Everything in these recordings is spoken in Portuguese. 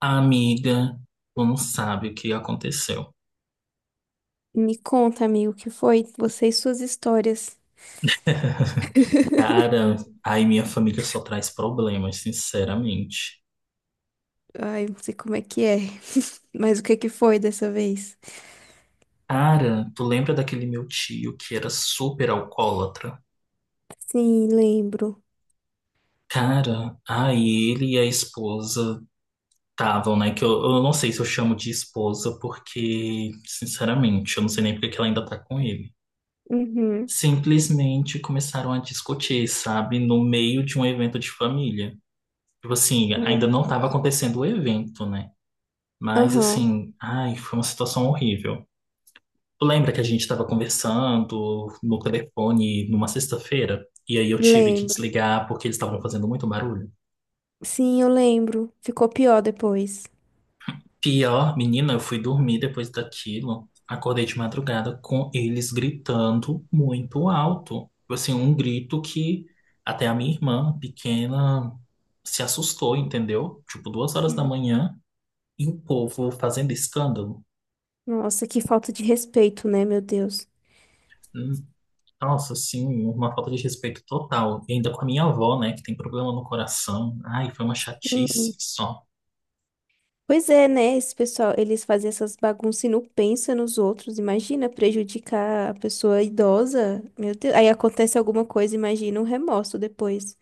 Amiga, tu não sabe o que aconteceu. Me conta, amigo, o que foi? Você e suas histórias. Cara, aí minha família só traz problemas, sinceramente. Ai, não sei como é que é. Mas o que que foi dessa vez? Cara, tu lembra daquele meu tio que era super alcoólatra? Sim, lembro. Cara, aí ele e a esposa estavam, né? Que eu não sei se eu chamo de esposa, porque, sinceramente, eu não sei nem porque que ela ainda tá com ele. Uhum. Simplesmente começaram a discutir, sabe? No meio de um evento de família. Tipo assim, Ai, ainda meu não estava Deus. acontecendo o evento, né? Mas Aham, assim, ai, foi uma situação horrível. Tu lembra que a gente estava conversando no telefone numa sexta-feira? E aí eu tive que lembro. desligar porque eles estavam fazendo muito barulho. Sim, eu lembro. Ficou pior depois. Pior, menina, eu fui dormir depois daquilo. Acordei de madrugada com eles gritando muito alto. Tipo assim, um grito que até a minha irmã pequena se assustou, entendeu? Tipo, duas horas da Uhum. manhã e o povo fazendo escândalo. Nossa, que falta de respeito, né, meu Deus? Nossa, sim, uma falta de respeito total. E ainda com a minha avó, né, que tem problema no coração. Ai, foi uma Sim. chatice só. Pois é, né? Esse pessoal, eles fazem essas bagunças e não pensam nos outros. Imagina prejudicar a pessoa idosa. Meu Deus. Aí acontece alguma coisa, imagina um remorso depois.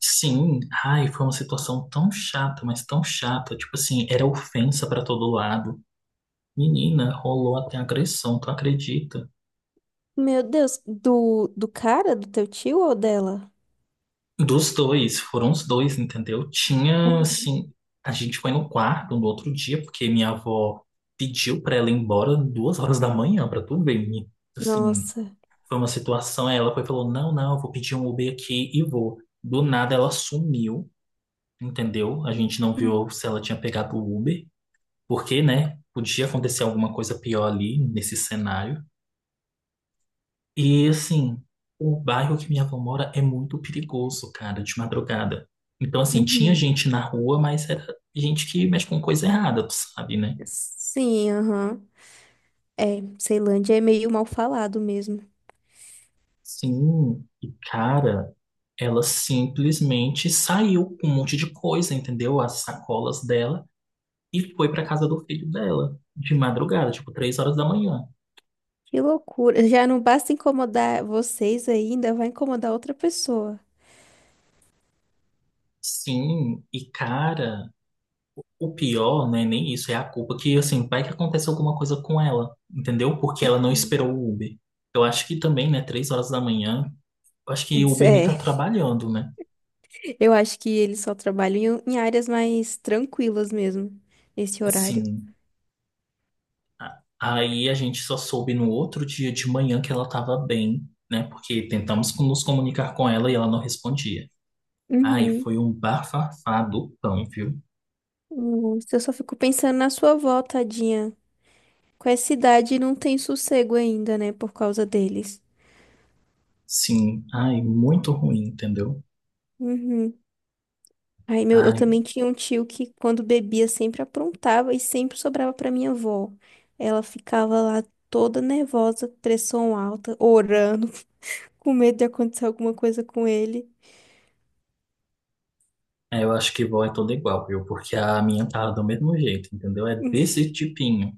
Sim, ai, foi uma situação tão chata, mas tão chata. Tipo assim, era ofensa pra todo lado. Menina, rolou até agressão, tu acredita? Meu Deus, do cara, do teu tio ou dela? Dos dois, foram os dois, entendeu? Tinha, assim, a gente foi no quarto no outro dia, porque minha avó pediu pra ela ir embora 2 horas da manhã, pra tu ver, menina. Assim. Nossa. Foi uma situação, aí ela foi e falou: Não, não, eu vou pedir um Uber aqui e vou. Do nada ela sumiu, entendeu? A gente não Uhum. viu se ela tinha pegado o Uber, porque, né, podia acontecer alguma coisa pior ali nesse cenário. E assim, o bairro que minha avó mora é muito perigoso, cara, de madrugada. Então, assim, tinha Uhum. gente na rua, mas era gente que mexe com coisa errada, tu sabe, né? Sim, aham. É, Ceilândia é meio mal falado mesmo. Sim, e cara, ela simplesmente saiu com um monte de coisa, entendeu? As sacolas dela. E foi pra casa do filho dela, de madrugada, tipo, 3 horas da manhã. Que loucura. Já não basta incomodar vocês aí, ainda, vai incomodar outra pessoa. Sim, e cara, o pior não é nem isso, é a culpa que, assim, vai que acontece alguma coisa com ela, entendeu? Porque ela não Uhum. esperou o Uber. Eu acho que também, né, 3 horas da manhã, eu acho que o Uber nem tá É. trabalhando, né? Eu acho que eles só trabalham em áreas mais tranquilas mesmo, nesse horário. Assim, aí a gente só soube no outro dia de manhã que ela estava bem, né? Porque tentamos nos comunicar com ela e ela não respondia. Ai, Uhum. foi um bafafá do pão, viu? Nossa, eu só fico pensando na sua avó, tadinha. Com essa idade não tem sossego ainda, né? Por causa deles. Sim, ai, muito ruim, entendeu? Uhum. Aí meu, eu Ai, também tinha um tio que quando bebia sempre aprontava e sempre sobrava pra minha avó. Ela ficava lá toda nervosa, pressão alta, orando, com medo de acontecer alguma coisa com ele. é, eu acho que vó é toda igual, viu? Porque a minha tá do mesmo jeito, entendeu? É desse tipinho.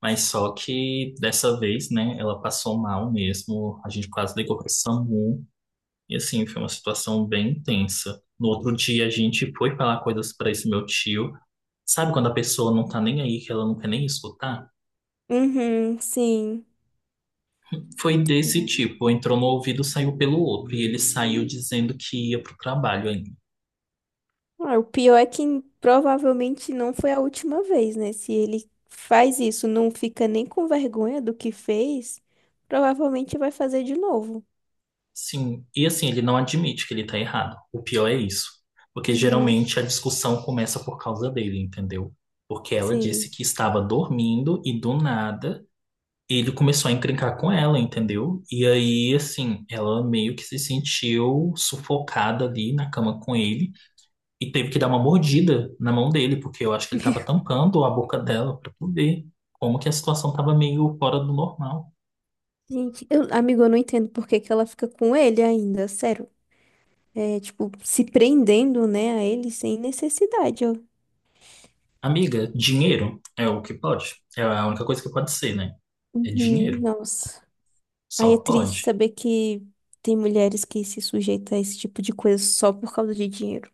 Mas só que dessa vez, né, ela passou mal mesmo, a gente quase ligou pro SAMU, e assim, foi uma situação bem intensa. No outro dia, a gente foi falar coisas pra esse meu tio. Sabe quando a pessoa não tá nem aí, que ela não quer nem escutar? Uhum, sim. Foi desse tipo, entrou no ouvido, saiu pelo outro, e ele saiu dizendo que ia pro trabalho ainda. Ah, o pior é que provavelmente não foi a última vez, né? Se ele faz isso, não fica nem com vergonha do que fez, provavelmente vai fazer de novo. Sim, e assim, ele não admite que ele tá errado. O pior é isso. Porque Uhum, geralmente a discussão começa por causa dele, entendeu? Porque ela disse sim. que estava dormindo e do nada ele começou a encrencar com ela, entendeu? E aí, assim, ela meio que se sentiu sufocada ali na cama com ele e teve que dar uma mordida na mão dele, porque eu acho que ele tava tampando a boca dela pra poder. Como que a situação tava meio fora do normal. Gente, eu, amigo, eu não entendo por que que ela fica com ele ainda, sério. É, tipo, se prendendo, né, a ele sem necessidade. Ó. Amiga, dinheiro é o que pode. É a única coisa que pode ser, né? É Uhum, dinheiro. nossa. Aí é Só triste pode. saber que tem mulheres que se sujeitam a esse tipo de coisa só por causa de dinheiro.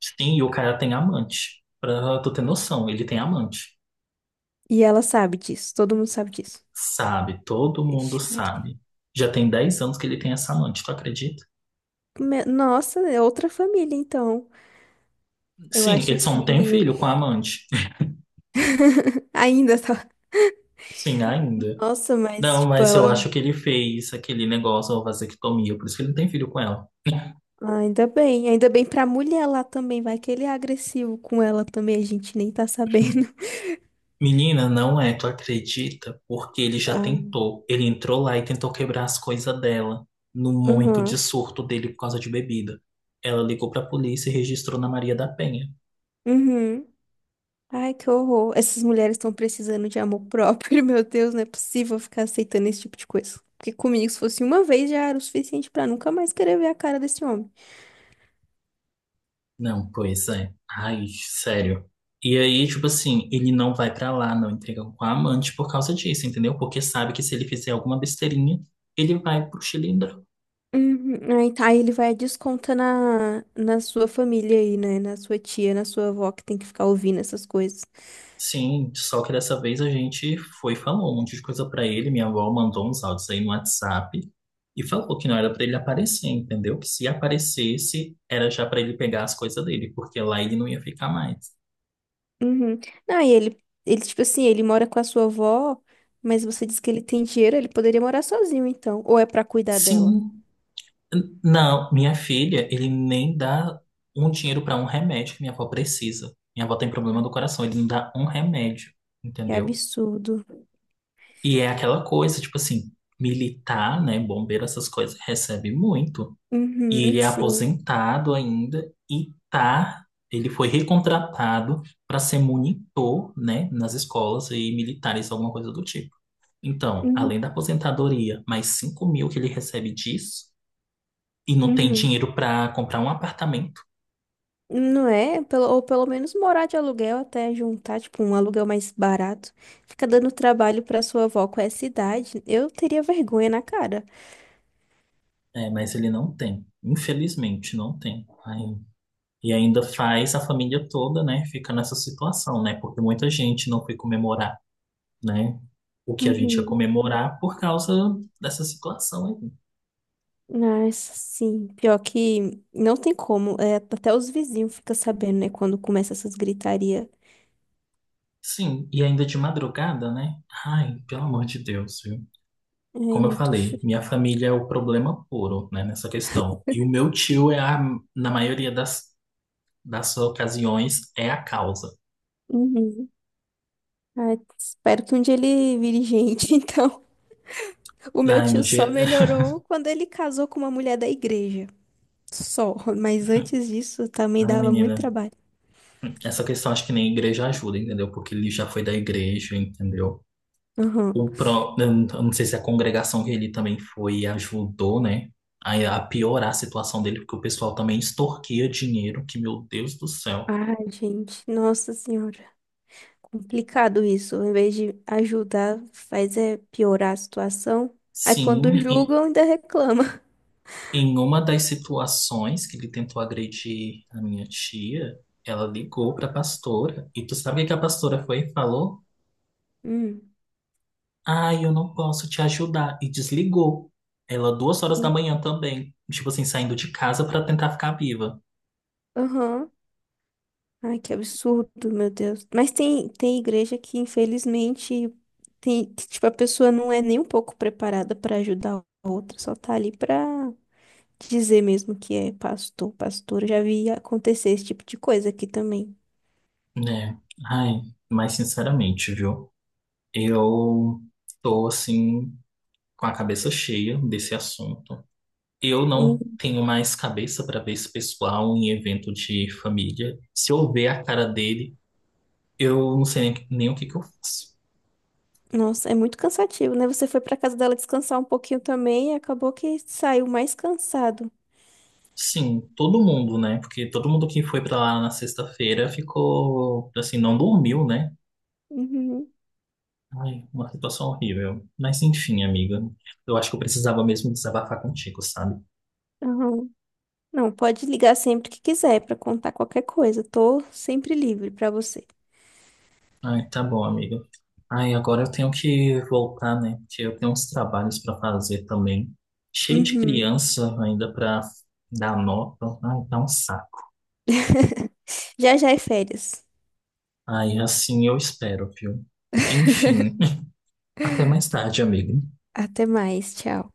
Sim, e o cara tem amante. Pra tu ter noção, ele tem amante. E ela sabe disso, todo mundo sabe disso. Sabe, todo mundo Ixi, Maria. sabe. Já tem 10 anos que ele tem essa amante, tu acredita? Me- Nossa, é outra família, então. Eu Sim, acho ele só que não tem filho com a amante. ainda tá. Sim, ainda. Nossa, mas, Não, tipo, mas eu ela. acho que ele fez aquele negócio, a vasectomia, por isso que ele não tem filho com ela. Ah, ainda bem. Ainda bem pra mulher lá também. Vai que ele é agressivo com ela também. A gente nem tá sabendo. Menina, não é, tu acredita? Porque ele já Ai. tentou. Ele entrou lá e tentou quebrar as coisas dela no momento de Uhum. surto dele por causa de bebida. Ela ligou pra polícia e registrou na Maria da Penha. Uhum. Ai, que horror. Essas mulheres estão precisando de amor próprio. Meu Deus, não é possível ficar aceitando esse tipo de coisa. Porque comigo, se fosse uma vez, já era o suficiente pra nunca mais querer ver a cara desse homem. Não, pois é. Ai, sério. E aí, tipo assim, ele não vai pra lá, não entrega com a amante por causa disso, entendeu? Porque sabe que se ele fizer alguma besteirinha, ele vai pro Chile. Uhum. Aí, tá, aí ele vai descontar na sua família aí, né? Na sua tia, na sua avó, que tem que ficar ouvindo essas coisas. Sim, só que dessa vez a gente foi e falou um monte de coisa pra ele. Minha avó mandou uns áudios aí no WhatsApp e falou que não era pra ele aparecer, entendeu? Que se aparecesse, era já pra ele pegar as coisas dele, porque lá ele não ia ficar mais. Uhum. Não, e ele, tipo assim, ele mora com a sua avó, mas você diz que ele tem dinheiro, ele poderia morar sozinho, então. Ou é pra cuidar dela? Sim, não, minha filha, ele nem dá um dinheiro pra um remédio que minha avó precisa. Minha avó tem problema Ah, do coração, ele não dá um remédio, que entendeu? absurdo. E é aquela coisa, tipo assim, militar, né, bombeiro, essas coisas, recebe muito. E Uhum, ele é sim. aposentado ainda e tá, ele foi recontratado para ser monitor, né, nas escolas e militares, alguma coisa do tipo. Então, Uhum, além da aposentadoria, mais 5 mil que ele recebe disso, e não tem uhum. dinheiro para comprar um apartamento, Não é? Pelo, ou pelo menos morar de aluguel até juntar, tipo, um aluguel mais barato. Fica dando trabalho pra sua avó com essa idade. Eu teria vergonha na cara. é, mas ele não tem, infelizmente não tem. Aí- e ainda faz a família toda, né, fica nessa situação, né, porque muita gente não foi comemorar, né, o que a gente ia Uhum. comemorar por causa dessa situação. Nossa, sim. Pior que não tem como. É, até os vizinhos ficam sabendo, né? Quando começa essas gritarias. Sim, e ainda de madrugada, né? Ai, pelo amor de Deus, viu? Ai, Como eu muito falei, feio. minha família é o problema puro, né, nessa questão. E o meu tio na maioria das ocasiões, é a causa. Uhum. Ai, espero que um dia ele vire gente. Então, o meu Ai, no tio só dia. melhorou quando ele casou com uma mulher da igreja. Só. Mas antes disso, também Ai, dava muito menina, trabalho. essa questão acho que nem a igreja ajuda, entendeu? Porque ele já foi da igreja, entendeu? Uhum. O pró, eu não sei se a congregação que ele também foi ajudou, né? A piorar a situação dele, porque o pessoal também extorquia dinheiro, que meu Deus do céu. Ai, gente. Nossa Senhora. Complicado isso. Em vez de ajudar, faz é piorar a situação. Aí Sim. quando julgam, ainda reclamam. Em uma das situações que ele tentou agredir a minha tia, ela ligou para a pastora. E tu sabe o que a pastora foi e falou? Hum. Ah, eu não posso te ajudar. E desligou. Ela, duas horas da e- manhã também. Tipo assim, saindo de casa para tentar ficar viva. Aham. Ai, que absurdo, meu Deus. Mas tem igreja que, infelizmente, tem, que, tipo, a pessoa não é nem um pouco preparada para ajudar a outra, só tá ali pra dizer mesmo que é pastor, pastora. Já vi acontecer esse tipo de coisa aqui também. Né? Ai, mas sinceramente, viu? Eu tô assim, com a cabeça cheia desse assunto. Eu não Hum. tenho mais cabeça para ver esse pessoal em evento de família. Se eu ver a cara dele. Eu não sei nem o que que eu faço. Nossa, é muito cansativo, né? Você foi pra casa dela descansar um pouquinho também e acabou que saiu mais cansado. Sim, todo mundo, né? Porque todo mundo que foi pra lá na sexta-feira ficou, assim, não dormiu, né? Uhum. Ai, uma situação horrível. Mas enfim, amiga. Eu acho que eu precisava mesmo desabafar contigo, sabe? Aham. Não, pode ligar sempre que quiser pra contar qualquer coisa. Tô sempre livre pra você. Ai, tá bom, amiga. Ai, agora eu tenho que voltar, né? Porque eu tenho uns trabalhos pra fazer também. Cheio de Uhum. criança ainda pra dar nota. Ai, tá um saco. Já já é férias. Ai, assim eu espero, viu? Enfim, até mais tarde, amigo. Até mais, tchau.